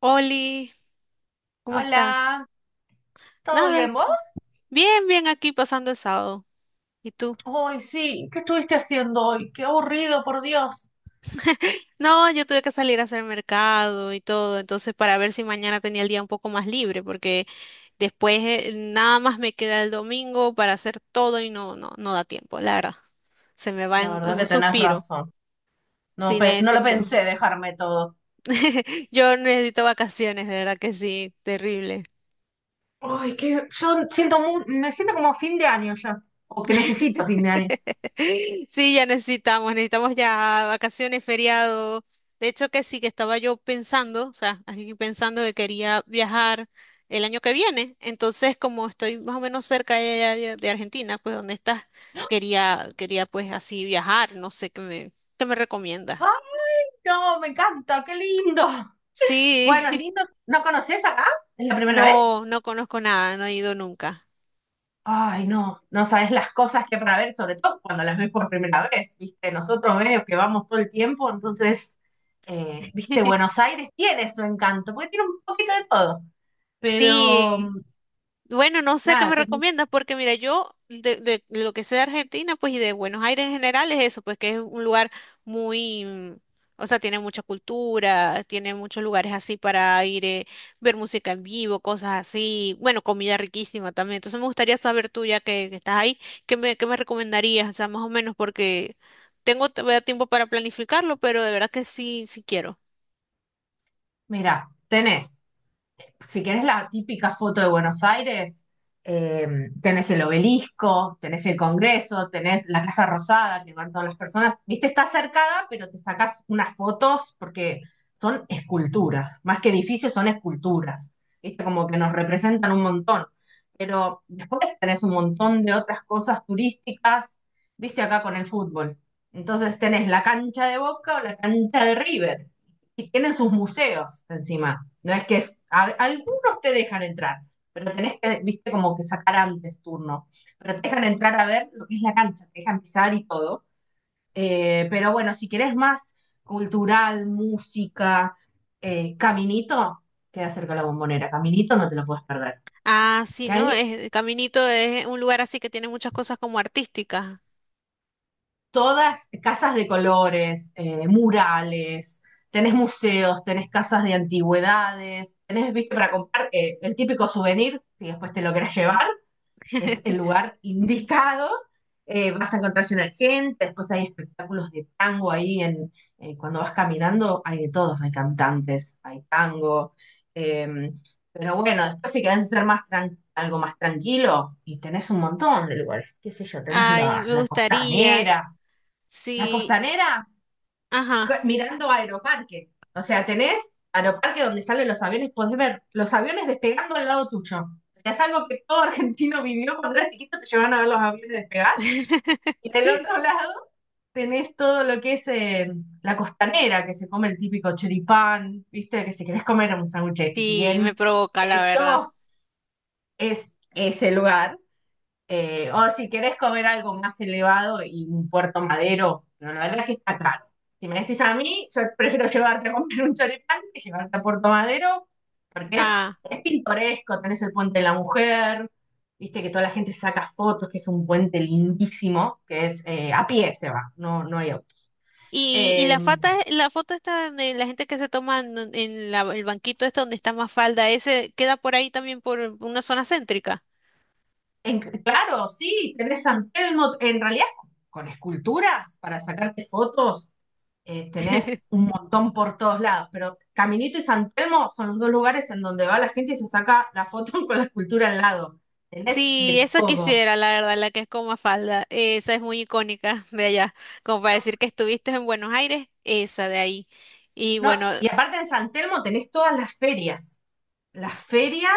Oli, ¿cómo estás? Hola, ¿todo Nada, bien vos? bien, bien aquí pasando el sábado. ¿Y tú? Hoy sí, ¿qué estuviste haciendo hoy? Qué aburrido, por Dios. No, yo tuve que salir a hacer mercado y todo, entonces para ver si mañana tenía el día un poco más libre, porque después nada más me queda el domingo para hacer todo y no, no, no da tiempo, la verdad. Se me va La en verdad que un tenés suspiro. razón. No, Sí, no lo necesito. pensé dejarme todo. Yo necesito vacaciones, de verdad que sí, terrible. Ay, que yo siento me siento como fin de año ya, o que necesito fin de año. Sí, ya necesitamos, necesitamos ya vacaciones, feriado. De hecho, que sí, que estaba yo pensando, o sea, aquí pensando que quería viajar el año que viene. Entonces, como estoy más o menos cerca de, allá de Argentina, pues donde estás, quería pues así viajar. No sé qué me recomiendas. Ay, no, me encanta, qué lindo. Sí, Bueno, es lindo. ¿No conoces acá? ¿Es la primera vez? no, no conozco nada, no he ido nunca. Ay, no, no sabes las cosas que para ver, sobre todo cuando las ves por primera vez, ¿viste? Nosotros medio que vamos todo el tiempo, entonces, ¿viste? Buenos Aires tiene su encanto, porque tiene un poquito de todo. Sí, Pero, bueno, no sé qué nada, me tenés, recomiendas, porque mira, yo de lo que sé de Argentina, pues y de Buenos Aires en general es eso, pues que es un lugar muy, o sea, tiene mucha cultura, tiene muchos lugares así para ir, ver música en vivo, cosas así, bueno, comida riquísima también. Entonces me gustaría saber tú, ya que estás ahí, qué me recomendarías? O sea, más o menos, porque tengo todavía tiempo para planificarlo, pero de verdad que sí, sí quiero. mirá, tenés si querés la típica foto de Buenos Aires, eh, tenés el obelisco, tenés el Congreso, tenés la Casa Rosada, que van todas las personas. Viste, está cercada, pero te sacás unas fotos porque son esculturas, más que edificios, son esculturas. Viste, como que nos representan un montón. Pero después tenés un montón de otras cosas turísticas, viste, acá con el fútbol. Entonces tenés la cancha de Boca o la cancha de River y tienen sus museos encima. No es que algunos te dejan entrar, pero tenés que, viste, como que sacar antes turno. Pero te dejan entrar a ver lo que es la cancha, te dejan pisar y todo. Pero bueno, si querés más cultural, música, caminito, queda cerca de la bombonera. Caminito no te lo puedes perder. Ah, sí, ¿no? Cami- Es, Caminito es un lugar así que tiene muchas cosas como artísticas. Todas casas de colores, murales, tenés museos, tenés casas de antigüedades, tenés, viste, para comprar el típico souvenir, si después te lo querés llevar, es el lugar indicado. Vas a encontrarse una gente, después hay espectáculos de tango ahí en, cuando vas caminando, hay de todos, hay cantantes, hay tango. eh, pero bueno, después si querés ser más algo más tranquilo, y tenés un montón de lugares, qué sé yo, tenés Ay, la, me la gustaría. costanera, la Sí, costanera, ajá. mirando Aeroparque. O sea, tenés Aeroparque donde salen los aviones, podés ver los aviones despegando al lado tuyo. O sea, es algo que todo argentino vivió cuando era chiquito, te llevaban a ver los aviones despegar. Y del otro lado tenés todo lo que es la costanera, que se come el típico choripán, ¿viste? Que si querés comer un sándwich Sí, me bien provoca, la verdad. hecho, es ese lugar. O si querés comer algo más elevado y un puerto madero, pero la verdad es que está caro. Si me decís a mí, yo prefiero llevarte a comer un choripán que llevarte a Puerto Madero, porque Ah, es pintoresco, tenés el puente de la mujer, viste que toda la gente saca fotos, que es un puente lindísimo, que es a pie se va, no, no hay autos. y Eh, la foto está de la gente que se toma en el banquito este donde está más falda, ese queda por ahí también por una zona céntrica. Claro, sí, tenés San Telmo, en realidad con esculturas para sacarte fotos tenés un montón por todos lados, pero Caminito y San Telmo son los dos lugares en donde va la gente y se saca la foto con la escultura al lado. Tenés Sí, de esa todo. quisiera, la verdad, la que es con falda. Esa es muy icónica de allá. Como para No, decir que estuviste en Buenos Aires, esa de ahí. Y no, bueno, y aparte en San Telmo tenés todas las ferias. Las ferias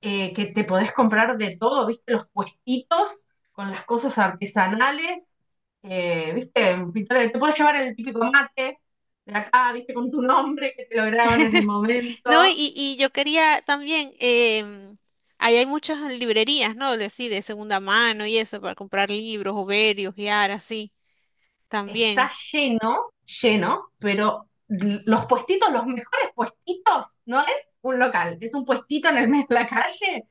que te podés comprar de todo, ¿viste? Los puestitos con las cosas artesanales, ¿viste? Pintores, te podés llevar el típico mate de acá, ¿viste? Con tu nombre que te lo graban en el no, momento. y yo quería también, ahí hay muchas librerías, ¿no? De así, de segunda mano y eso, para comprar libros, o ver y ojear, así, Está también. lleno, lleno, pero los puestitos, los mejores puestitos, no es un local, es un puestito en el medio de la calle,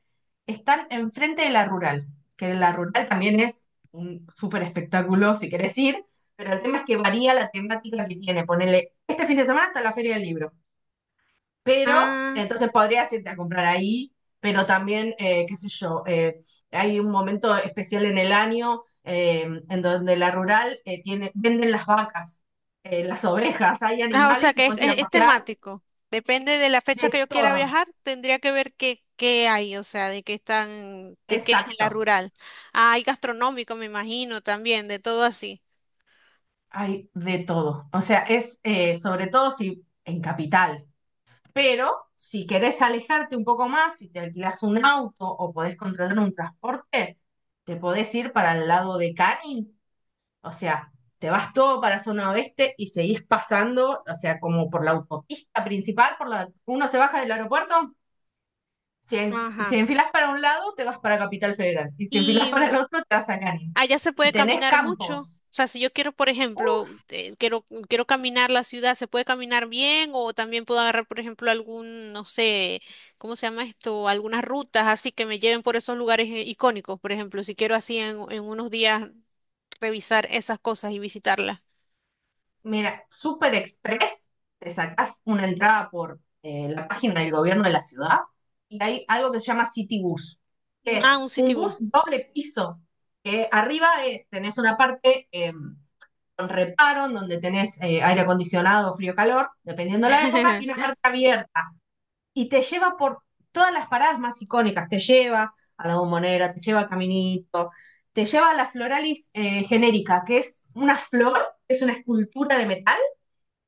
están enfrente de la rural, que la rural también es un súper espectáculo si querés ir, pero el tema es que varía la temática que tiene. Ponele, este fin de semana está la Feria del Libro pero Ah, entonces podrías irte a comprar ahí, pero también, qué sé yo, hay un momento especial en el año en donde la rural tiene, venden las vacas, las ovejas, hay ah, o sea animales y que es, puedes ir es- a es pasear temático. Depende de la fecha que de yo quiera todo, viajar, tendría que ver qué, qué hay, o sea, de qué están, de qué es en la exacto, rural. Ah, hay gastronómico, me imagino, también, de todo así. hay de todo. O sea, es sobre todo si en capital, pero si querés alejarte un poco más, si te alquilas un auto o podés contratar un transporte, te podés ir para el lado de Canning. O sea, te vas todo para zona oeste y seguís pasando, o sea, como por la autopista principal, por la, uno se baja del aeropuerto, si, si Ajá. enfilas para un lado, te vas para Capital Federal, y si enfilas Y para el otro, te vas a Canin. allá se Y puede tenés caminar mucho. campos. O sea, si yo quiero, por Uf, ejemplo, quiero, quiero caminar la ciudad, ¿se puede caminar bien? O también puedo agarrar, por ejemplo, algún, no sé, ¿cómo se llama esto? Algunas rutas así que me lleven por esos lugares icónicos, por ejemplo, si quiero así en unos días revisar esas cosas y visitarlas. mira, Super Express, te sacás una entrada por la página del gobierno de la ciudad, y hay algo que se llama City Bus, que Ah, es un city un bus. bus doble piso, que arriba es, tenés una parte... con reparo, donde tenés aire acondicionado, frío, calor, dependiendo de la época, y una parte abierta. Y te lleva por todas las paradas más icónicas, te lleva a la bombonera, te lleva a Caminito, te lleva a la floralis genérica, que es una flor, es una escultura de metal,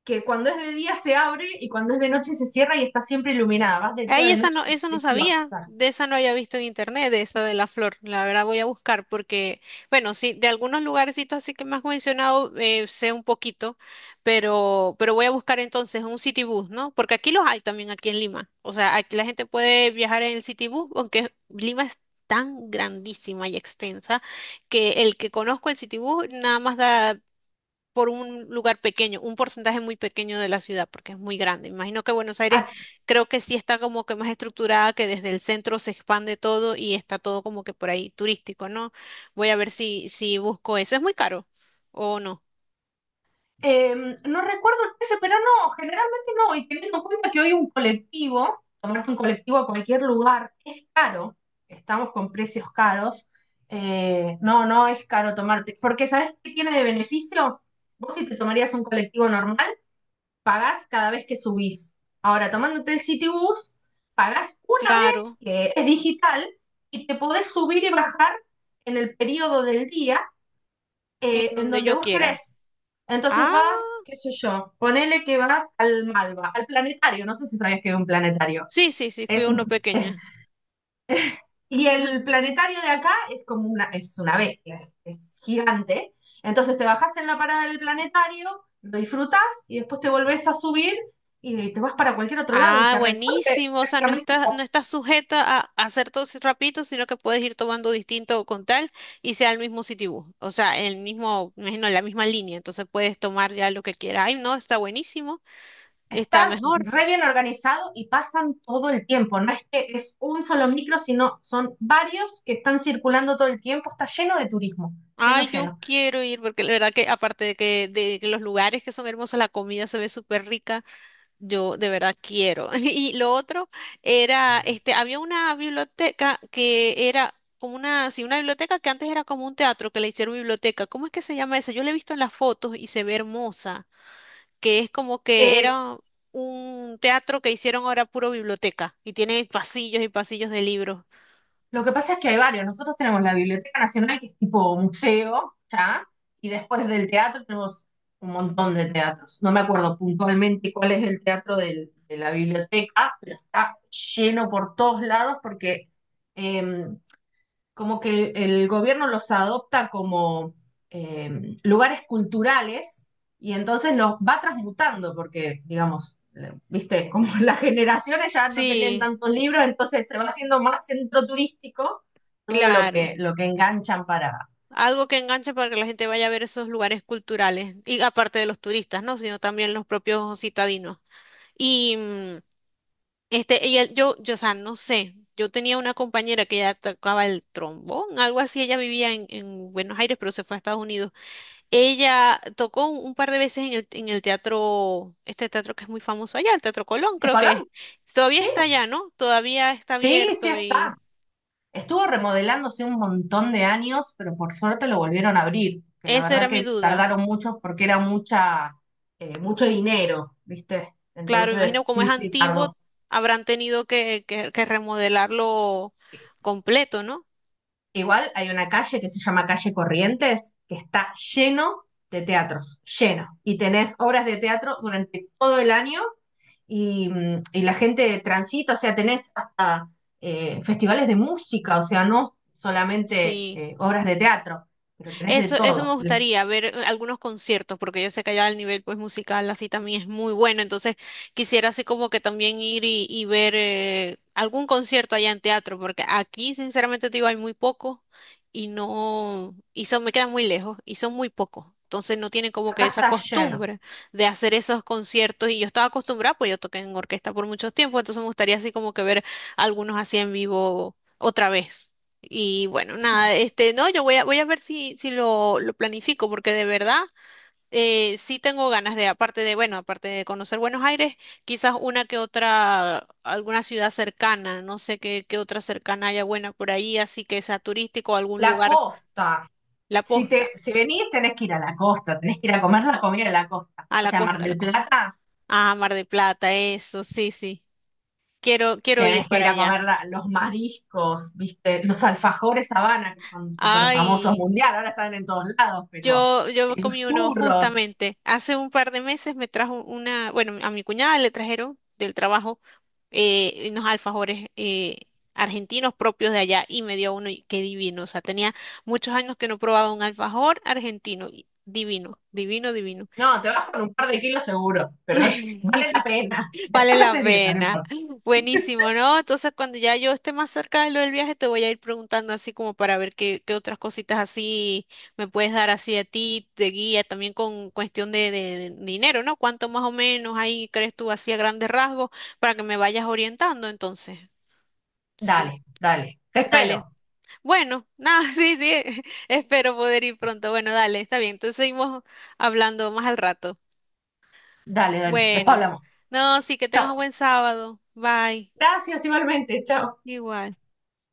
que cuando es de día se abre y cuando es de noche se cierra y está siempre iluminada. Vas de día o Ay, de esa noche, no, es eso no sabía, preciosa. de esa no había visto en internet, de esa de la flor. La verdad voy a buscar porque, bueno, sí, de algunos lugarcitos así que me has mencionado sé un poquito, pero voy a buscar entonces un city bus, ¿no? Porque aquí los hay también aquí en Lima. O sea, aquí la gente puede viajar en el city bus, aunque Lima es tan grandísima y extensa que el que conozco el city bus nada más da por un lugar pequeño, un porcentaje muy pequeño de la ciudad, porque es muy grande. Imagino que Buenos Aires A. creo que sí está como que más estructurada, que desde el centro se expande todo y está todo como que por ahí turístico, ¿no? Voy a ver si, si busco eso. ¿Es muy caro o no? Eh, no recuerdo el precio, pero no, generalmente no. Y teniendo en cuenta que hoy un colectivo, tomarte un colectivo a cualquier lugar, es caro. Estamos con precios caros. No, no es caro tomarte. Porque ¿sabés qué tiene de beneficio? Vos si te tomarías un colectivo normal, pagás cada vez que subís. Ahora, tomándote el Citibus, pagás una vez, Claro, que es digital, y te podés subir y bajar en el periodo del día en en donde donde yo vos quiera. querés. Entonces Ah, vas, qué sé yo, ponele que vas al Malva, al planetario, no sé si sabías que es un planetario. sí, sí, sí, fui Es, a uno pequeño. y el planetario de acá es como una, es una bestia, es gigante. Entonces te bajás en la parada del planetario, lo disfrutás y después te volvés a subir y te vas para cualquier otro lado y Ah, te recorre buenísimo. O sea, no prácticamente estás, no estás sujeta a hacer todo ese rapidito, sino que puedes ir tomando distinto con tal y sea el mismo Citibus. O sea, el mismo, me imagino, la misma línea. Entonces puedes tomar ya lo que quieras. Ay, no, está buenísimo. Está está mejor. re bien organizado y pasan todo el tiempo. No es que es un solo micro, sino son varios que están circulando todo el tiempo. Está lleno de turismo, lleno, Ay, yo lleno. quiero ir porque la verdad que aparte de que los lugares que son hermosos, la comida se ve súper rica. Yo de verdad quiero. Y lo otro era, este, había una biblioteca que era como una, sí, una biblioteca que antes era como un teatro que le hicieron biblioteca. ¿Cómo es que se llama esa? Yo la he visto en las fotos y se ve hermosa, que es como que Eh, era un teatro que hicieron ahora puro biblioteca y tiene pasillos y pasillos de libros. lo que pasa es que hay varios. Nosotros tenemos la Biblioteca Nacional, que es tipo museo, ¿ya? Y después del teatro tenemos un montón de teatros. No me acuerdo puntualmente cuál es el teatro de la biblioteca, pero está lleno por todos lados porque... em, como que el gobierno los adopta como lugares culturales y entonces los va transmutando, porque, digamos, viste, como las generaciones ya no te leen Sí, tantos libros, entonces se va haciendo más centro turístico todo claro. Lo que enganchan para... Algo que enganche para que la gente vaya a ver esos lugares culturales. Y aparte de los turistas, ¿no? Sino también los propios citadinos. Y este, yo, o sea, no sé, yo tenía una compañera que ella tocaba el trombón, algo así, ella vivía en Buenos Aires, pero se fue a Estados Unidos. Ella tocó un par de veces en el teatro, este teatro que es muy famoso allá, el Teatro Colón, ¿De creo que Colón? es. Todavía Sí, está allá, ¿no? Todavía está sí, sí abierto y está. Estuvo remodelándose un montón de años, pero por suerte lo volvieron a abrir, que la esa era verdad mi que duda. tardaron mucho porque era mucha, mucho dinero, ¿viste? Claro, Entonces, imagino como es sí, sí, antiguo, tardó. habrán tenido que remodelarlo completo, ¿no? Igual hay una calle que se llama Calle Corrientes, que está lleno de teatros, lleno. Y tenés obras de teatro durante todo el año y, y la gente transita, o sea, tenés hasta festivales de música, o sea, no solamente Sí. Obras de teatro pero tenés de Eso me todo. gustaría ver algunos conciertos, porque yo sé que allá el nivel pues musical así también es muy bueno, entonces quisiera así como que también ir y ver algún concierto allá en teatro, porque aquí sinceramente te digo hay muy pocos y no, y son, me quedan muy lejos y son muy pocos. Entonces no tienen como que Acá esa está lleno. costumbre de hacer esos conciertos y yo estaba acostumbrada, pues yo toqué en orquesta por muchos tiempo, entonces me gustaría así como que ver algunos así en vivo otra vez. Y bueno, nada, este, no, yo voy a, voy a ver si, si lo, lo planifico, porque de verdad sí tengo ganas de, aparte de, bueno, aparte de conocer Buenos Aires, quizás una que otra, alguna ciudad cercana, no sé qué, qué otra cercana haya buena por ahí, así que sea turístico, algún La lugar, costa. la Si te, posta, si venís, tenés que ir a la costa, tenés que ir a comer la comida de la costa. a O la sea, Mar costa, a la del costa. Plata, Ah, Mar de Plata, eso, sí, sí. Quiero, quiero ir tenés que para ir a allá. comer los mariscos, ¿viste? Los alfajores Habana, que son súper famosos Ay. mundial, ahora están en todos lados, pero Yo los comí uno churros. justamente. Hace un par de meses me trajo una, bueno, a mi cuñada le trajeron del trabajo unos alfajores argentinos propios de allá y me dio uno y qué divino. O sea, tenía muchos años que no probaba un alfajor argentino. Y divino, divino, divino. No, te vas con un par de kilos seguro, pero vale la pena. Vale Después la haces dieta, no pena. importa. Buenísimo, ¿no? Entonces, cuando ya yo esté más cerca de lo del viaje, te voy a ir preguntando así como para ver qué, qué otras cositas así me puedes dar así a ti de guía, también con cuestión de, de dinero, ¿no? ¿Cuánto más o menos ahí crees tú así a grandes rasgos para que me vayas orientando? Entonces, sí, Dale, dale. Te dale. espero. Bueno, nada, sí, sí, espero poder ir pronto. Bueno, dale, está bien. Entonces seguimos hablando más al rato. Dale, dale. Después Bueno, hablamos. no, sí, que tengas un Chao. buen sábado. Bye. Gracias igualmente. Chao. Igual.